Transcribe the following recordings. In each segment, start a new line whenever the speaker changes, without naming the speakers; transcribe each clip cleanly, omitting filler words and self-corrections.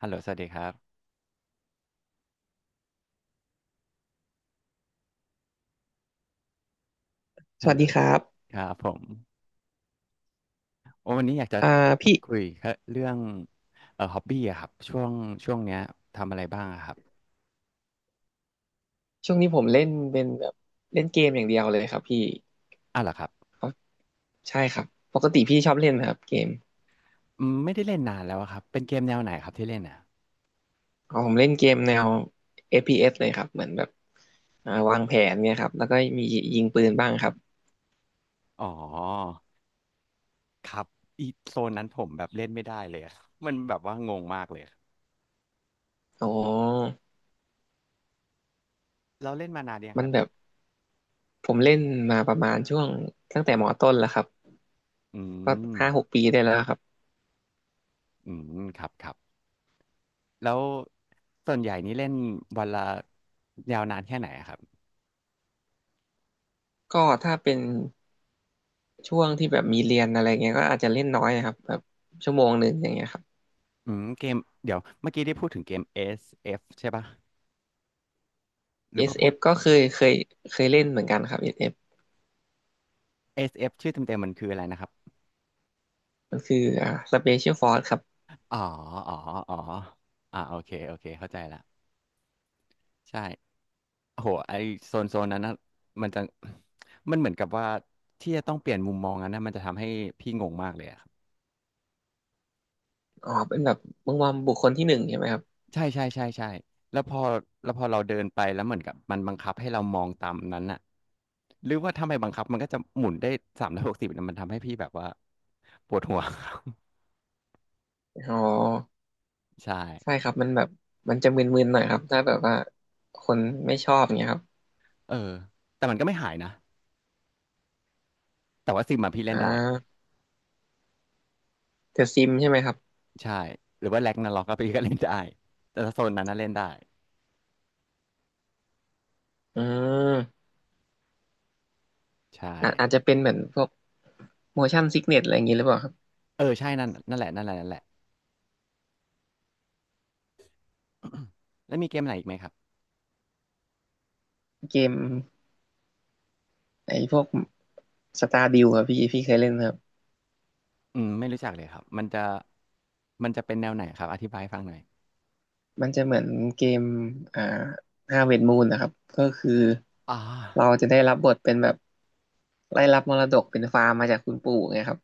ฮัลโหลสวัสดีครับ
ส
ฮัล
วัส
โหล
ดีครับ
ครับผมโอ้วันนี้อยากจะ
อ่า
พู
พี่
ดคุยเรื่องฮอบบี้อะครับช่วงเนี้ยทำอะไรบ้างอะครับ
ช่วงนี้ผมเล่นเป็นแบบเล่นเกมอย่างเดียวเลยครับพี่
อ้าวเหรอครับ
อ๋อใช่ครับปกติพี่ชอบเล่นนะครับเกม
อืมไม่ได้เล่นนานแล้วอะครับ เป็นเกมแนวไหนครับที่เล่นอ่ะ
อ๋อผมเล่นเกมแนว FPS เอสเลยครับเหมือนแบบวางแผนเนี่ยครับแล้วก็มียิงปืนบ้างครับ
อ๋อครับอีโซนนั้นผมแบบเล่นไม่ได้เลยอะ มันแบบว่างงมากเลยอะ
อ๋อ
เราเล่นมานานยังค
มัน
รับ
แบ
เนี่ย
บผมเล่นมาประมาณช่วงตั้งแต่มอต้นแล้วครับ
อื
ก็
ม
ห้าหกปีได้แล้วครับ
อืมครับครับแล้วส่วนใหญ่นี่เล่นวันละยาวนานแค่ไหนอะครับ
ก็ถ้าเป็นช่วงที่แบบมีเรียนอะไรเงี้ยก็อาจจะเล่นน้อยนะครับแบบชั่วโมงหนึ่งอย่างเงี้ยครับ
อืมเกมเดี๋ยวเมื่อกี้ได้พูดถึงเกม SF ใช่ปะ หรือว่าพูด
SF ก็เคยเล่นเหมือนกันครับเอสเอฟ
SF ชื่อเต็มๆมันคืออะไรนะครับ
มันคือSpecial Force ครับ
อ๋ออ๋ออ๋ออ่าโอเคโอเคเข้าใจละใช่โอ้โหไอโซนโซนนั้นนะมันจะมันเหมือนกับว่าที่จะต้องเปลี่ยนมุมมองนั้นนะมันจะทำให้พี่งงมากเลยอะครับ
อ๋อเป็นแบบมุงวอมบุคคลที่หนึ่งใช่ไหมครับ
ใช่ใช่ใช่ใช่แล้วพอแล้วพอเราเดินไปแล้วเหมือนกับมันบังคับให้เรามองตามนั้นน่ะหรือว่าถ้าไม่บังคับมันก็จะหมุนได้360นะมันทำให้พี่แบบว่าปวดหัว
อ๋อ
ใช่
ใช่ครับมันแบบมันจะมึนๆหน่อยครับถ้าแบบว่าคนไม่ชอบเงี้ยครับ
เออแต่มันก็ไม่หายนะแต่ว่าซิมมาพี่เล่
อ่
นได้
าแต่ซิมใช่ไหมครับ
ใช่หรือว่าแร็กนาร็อกก็ไีก็เล่นได้แต่ถ้าโซนนั้นน่ะเล่นได้
อืม
ใช่
อาจจะเป็นเหมือนพวก motion sickness อะไรอย่างงี้หรือเปล่าครับ
เออใช่นั่นนั่นแหละนั่นแหละนั่นแหละ แล้วมีเกมไหนอีกไหมครับ
เกมไอ้พวกสตาร์ดิวครับพี่เคยเล่นไหมครับ
อืมไม่รู้จักเลยครับมันจะเป็นแนวไหนครับอธิบายให้ฟังหน่อย
มันจะเหมือนเกมอ่าห้าเวทมูลนะครับก็คือ
อ่า
เราจะได้รับบทเป็นแบบได้รับมรดกเป็นฟาร์มมาจากคุณปู่ไงครับ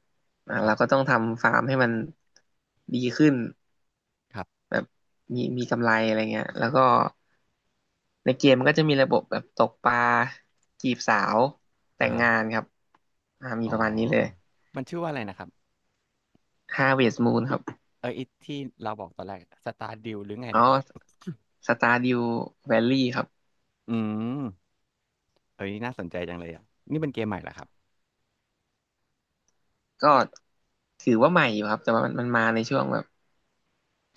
อ่า
ครั
เราก็
บ
ต้องทำฟาร์มให้มันดีขึ้น
ครับ
แบบมีกำไรอะไรเงี้ย แล้วก็ในเกมมันก็จะมีระบบแบบตกปลาจีบสาวแต่
อ่า
ง
ฮะ
งานครับ
อ๋
มี
อ
ประมาณนี้เลย
มันชื่อว่าอะไรนะครับ
ห้าเวทมูลครับ
เออไอที่เราบอกตอนแรกสตาร์ดิวหรือไง
อ๋อ
นะครับ
สตาร์ดิวแวลลี่ครับ
อืมเอ้ยน่าสนใจจังเลยอ่ะนี่เป็นเกมใหม่เหรอครับ
ก็ถือว่าใหม่อยู่ครับแต่ว่ามันมาในช่วงแบบ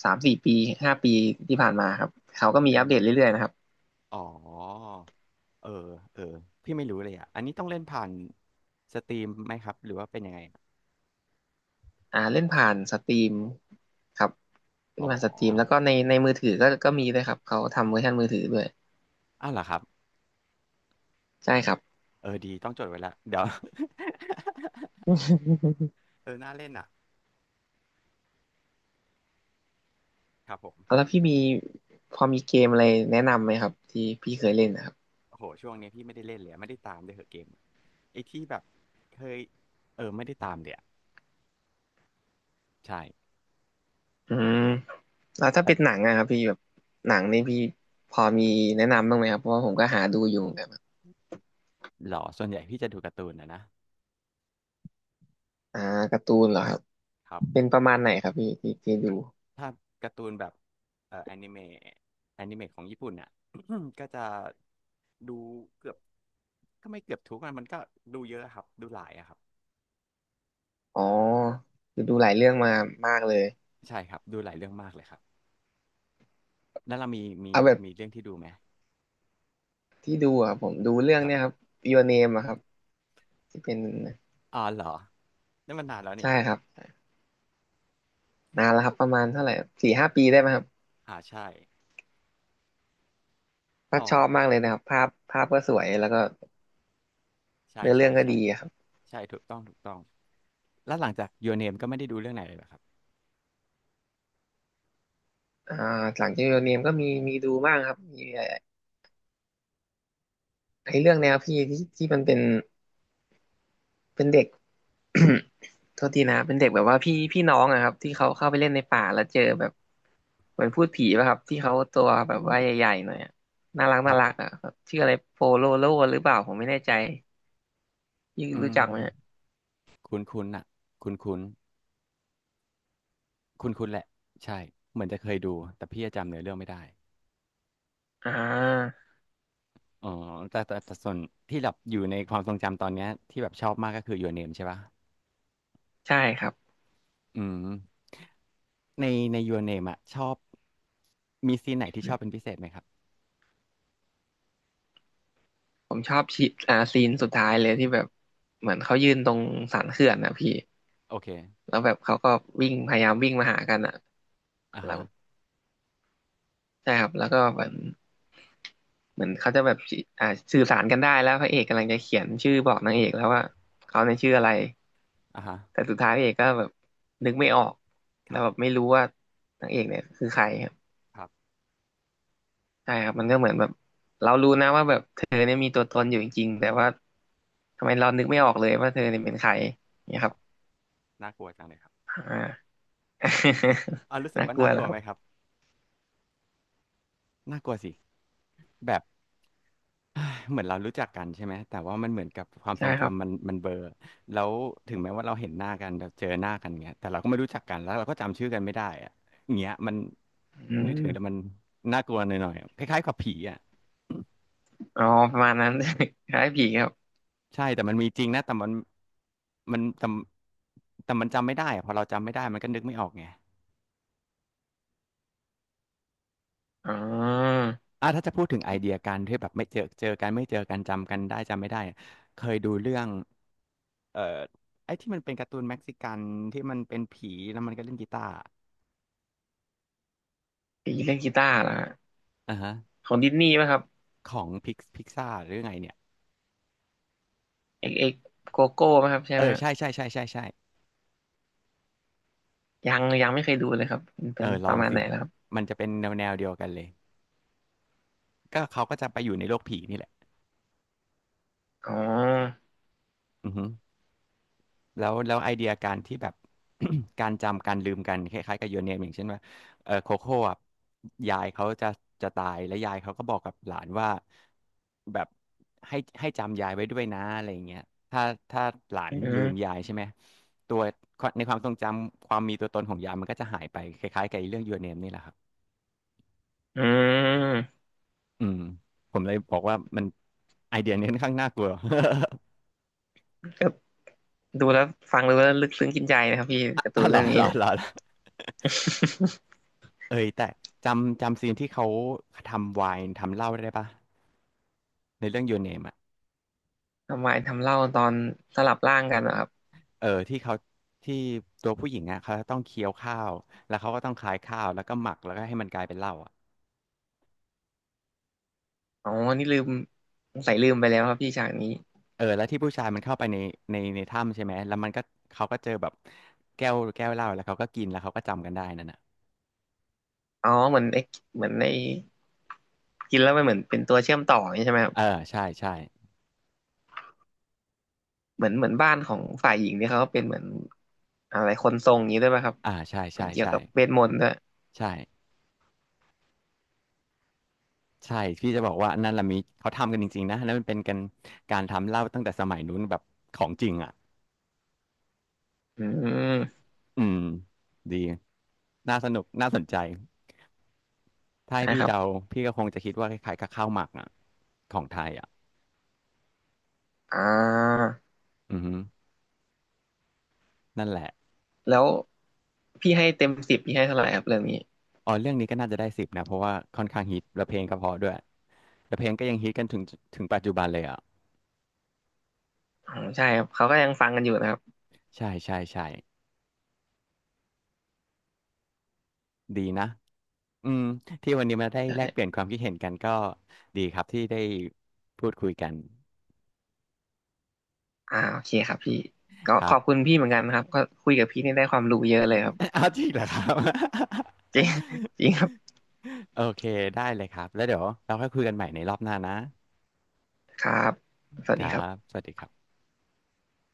สามสี่ปีห้าปีที่ผ่านมาครับเขาก็มี
อื
อัปเดตเรื่อยๆ
ม
นะครับ
อ๋อ เออเออพี่ไม่รู้เลยอ่ะอันนี้ต้องเล่นผ่านสตรีมไหมครับหรือว่าเป็นยังไง
เล่นผ่านสตรีมครับเล่
อ๋
น
อ
ผ่านสตรีมแล้วก็ในมือถือก็มีด้วยครับเขาทำเวอร์ชันมือถือด้วย
อ้าวเหรอครับ
ใช่ครับ
เออดีต้องจดไว้ละเดี๋ยว เออน่าเล่นอ่ะครับผม
แล้วพี่มีพอมีเกมอะไรแนะนำไหมครับที่พี่เคยเล่นนะครับ
โอ้โหช่วงนี้พี่ไม่ได้เล่นเลยอะไม่ได้ตามด้วยเหรอะเกมอะไอ้ที่แบบเคยเออไม่ได้ตามเดี๋ยอะใช่
อืมแล้วถ้า
แต่
เป็นหนังอะครับพี่แบบหนังนี่พี่พอมีแนะนำบ้างไหมครับเพราะว่าผมก็หาดูอยู่เหมือนกัน
หรอส่วนใหญ่พี่จะดูการ์ตูนนะนะ
อ่าการ์ตูนเหรอครับ
ครับ
เป็นประมาณไหนครับพี่ที่ดู
ถ้าการ์ตูนแบบเอ่อแอนิเมะแอนิเมะของญี่ปุ่นน่ะ ก็จะดูเกือบก็ไม่เกือบทุกมันมันก็ดูเยอะครับดูหลายอะครับ
อ๋อคือดูหลายเรื่องมามากเลย
ใช่ครับดูหลายเรื่องมากเลยครับแล้วเรามีมี
เอาแบบ
มีเรื่องที่ดูไหม
ที่ดูอ่ะผมดูเรื่อง
ครั
เนี้ยครั
บ
บ Your Name อะครับที่เป็น
อ๋อเหรอ นั่นมันนานแล้วนี่
ใช่ครับนานแล้วครับประมาณเท่าไหร่สี่ห้าปีได้ไหมครับ
อ่าใช่
ก็
อ๋อ
ชอบมากเลยนะครับภาพภาพก็สวยแล้วก็
ใช่
เนื้อเรื่
ใช่
องก็
ใช่
ดีอะครับ
ใช่ถูกต้องถูกต้องแล้วหลังจาก Your Name ก็ไม่ได้ดูเรื่องไหนเลยเหรอครับ
อ่าหลังจาก Your Name ก็มีดูบ้างครับมีไอ้เรื่องแนวพี่ที่มันเป็น เป็นเด็ก โทษทีนะเป็นเด็กแบบว่าพี่น้องอะครับที่เขาเข้าไปเล่นในป่าแล้วเจอแบบเหมือนพูดผีป่ะครับที่เขาตัวแบบว่าใหญ่ ๆหน่อยอะน่ารัก
ค
น่า
รับ
รักอะครับชื่ออะไรโปโลโลหรือเปล่าผมไม่แน่ใจยี่
อื
รู้จักไหมอะ
มคุ้นๆน่ะคุ้นๆคุ้นๆแหละใช่เหมือนจะเคยดูแต่พี่จะจำเนื้อเรื่องไม่ได้
อ่า
อ๋อแต่ส่วนที่แบบอยู่ในความทรงจำตอนเนี้ยที่แบบชอบมากก็คือ Your Name ใช่ปะ
ใช่ครับ
อืมในใน Your Name อะชอบมีซีนไหนที่ชอบเป็นพิเศษไหมครับ
ผมชอบชีอ่าซีนสุดท้ายเลยที่แบบเหมือนเขายืนตรงสันเขื่อนนะพี่
โอเค
แล้วแบบเขาก็วิ่งพยายามวิ่งมาหากันอะ
อ่าฮะ
ใช่ครับแล้วก็เหมือนเขาจะแบบอ่าสื่อสารกันได้แล้วพระเอกกำลังจะเขียนชื่อบอกนางเอกแล้วว่าเขาในยชื่ออะไร
อ่าฮะ
แต่สุดท้ายพระเอกก็แบบนึกไม่ออก
ค
แล้
รั
ว
บ
แบบไม่รู้ว่านางเอกเนี่ยคือใครครับ
ครับ
ใช่ครับมันก็เหมือนแบบเรารู้นะว่าแบบเธอเนี่ยมีตัวตนอยู่จริงๆแต่ว่าทำไมเรานึกไม่ออกเลยว่าเธอเนี่ยเป็นใครเนี่ย
ค
ครั
รั
บ
บน่ากลัวจังเลยครับ
อ่า
อ่ารู้ สึก
น่า
ว่า
กลั
น่า
ว
ก
แล้ว
ลัว
ค
ไห
รั
มครับ
บ
น่ากลัวสิแบบ เอ้ยเหมือนเรารู้จักกันใช่ไหมแต่ว่ามันเหมือนกับความท
ใช่
รง
ครับ
จำมันเบลอแล้วถึงแม้ว่าเราเห็นหน้ากันเราเจอหน้ากันเงี้ยแต่เราก็ไม่รู้จักกันแล้วเราก็จำชื่อกันไม่ได้อะอย่างเงี้ยมัน
อื
นึกถึงแต่
ม
มันน่ากลัวหน่อยๆคล้ายๆกับผีอ่ะ
อ๋อประมาณนั้น คล้ายผีครับ
ใช่แต่มันมีจริงนะแต่มันมันแต่แต่มันจำไม่ได้อะพอเราจำไม่ได้มันก็นึกไม่ออกไง
อ๋อ
อ่ะถ้าจะพูดถึงไอเดียการที่แบบไม่เจอกันจำกันได้จำไม่ได้อะเคยดูเรื่องเอ่อไอ้ที่มันเป็นการ์ตูนเม็กซิกันที่มันเป็นผีแล้วมันก็เล่นกีตาร์
ผีเล่นกีตาร์เหรอ
อ่าฮะ
ของดิสนีย์ป่ะครับ
ของพิกซ่าหรือไงเนี่ย
เอ็กเอ็กโกโก้ป่ะครับใช่
เอ
ไหม
อ
ฮะ
ใช่ใช่ใช่ใช่ใช่
ยังยังไม่เคยดูเลยครับมัน
เอ
เป็
อ
น
ล
ป
อ
ระ
ง
มาณ
สิ
ไหนแล้วครับ
มันจะเป็นแนวแนวเดียวกันเลยก็เขาก็จะไปอยู่ในโลกผีนี่แหละ
อ๋อ
อือฮึแล้วแล้วไอเดียการที่แบบ การจำการลืมกันคล้ายๆกับยูเนมอย่างเช่นว่าเออโคโค่อะยายเขาจะจะตายแล้วยายเขาก็บอกกับหลานว่าแบบให้จำยายไว้ด้วยนะอะไรอย่างเงี้ยถ้าถ้าหลาน
อื
ลืม
ม
ยายใช่ไหมตัวในความทรงจำความมีตัวตนของยายมันก็จะหายไปคล้ายๆกับไอ้เรื่องยูเน n นี่แหละครับ
อืม
อืมผมเลยบอกว่ามันไอเดียนี้ค่อนข้างน่ากลัว
ก็ดูแล้วฟังดูแล้วลึกซึ้งกินใจนะครับพี่
อ
การ์ตู
่ะ
น
เหร
เรื่
อ
องนี้
เหรอ
เนี่ย
เหรอเหรอเอ้ยแต่จำซีนที่เขาทำไวน์ทำเหล้าได้ปะในเรื่อง Your Name อ่ะ
ทำไมทำเล่าตอนสลับร่างกันนะครับ
เออที่เขาที่ตัวผู้หญิงอ่ะเขาต้องเคี้ยวข้าวแล้วเขาก็ต้องคลายข้าวแล้วก็หมักแล้วก็ให้มันกลายเป็นเหล้าอ่ะ
อ๋อนี่ลืมสงสัยลืมไปแล้วครับพี่ฉากนี้
เออแล้วที่ผู้ชายมันเข้าไปในในถ้ำใช่ไหมแล้วมันก็เขาก็เจอแบบแก้วเหล้าแล้วเขาก็กินแล้วเขาก็จำกันได้นั่นน่ะ
อ๋อเหมือนไอ้กินแล้วมันเหมือนเป็นตัวเชื่อมต่ออย่างนี้ใช่ไหมครับ
เออใช่ใช่
เหมือนบ้านของฝ่ายหญิงเนี่ยเขาก็เป็นเหมือนอะไรคนทรงอย่างนี้ด้วยป่ะครับ
อ่าใช่
เป็
ใช่
นเกี่ยว
ใช่
กับเวทมนต์ด้วย
ใช่ ใช่พี่จะบอกว่านั่นละมิเขาทำกันจริงๆนะนั่นมันเป็นกันการทำเหล้าตั้งแต่สมัยนู้นแบบของจริงอ่ะ
อืม
อืมดีน่าสนุกน่าสนใจถ้า
ใช่
ให้พี่
ครับ
เดาพี่ก็คงจะคิดว่าคล้ายๆกับข้าวหมักอ่ะของไทยอ่ะ
อ่า
อือฮึนั่นแหละ
แล้วพี่ให้เต็มสิบพี่ให้เท่าไหร่ครับเรื่องนี้
อ๋อเรื่องนี้ก็น่าจะได้สิบนะเพราะว่าค่อนข้างฮิตและเพลงก็เพราะด้วยและเพลงก็ยังฮิตกันถึงปัจจุบันเลยอ่ะ
อ๋อใช่ครับเขาก็ยังฟังกันอยู่นะครับ
ใช่ใช่ใช่ดีนะอืมที่วันนี้มาได้แลกเปลี่ย
ใช่
นความคิดเห็นกันก็ดีครับที่ได้พูดคุยกัน
โอเคครับพี่ก็
ค
ข
รั
อ
บ
บคุณพี่เหมือนกันนะครับก็คุยกับพี่นี่ได้ความรู้เยอะเลยครับ
เอาจริงเหรอครับ
จริง จริงครับ
โอเคได้เลยครับแล้วเดี๋ยวเราค่อยคุยกันใหม่ในรอบหน้านะ
ครับสวั
ค
สดี
รั
ครั
บ
บ
สวัสดีครับ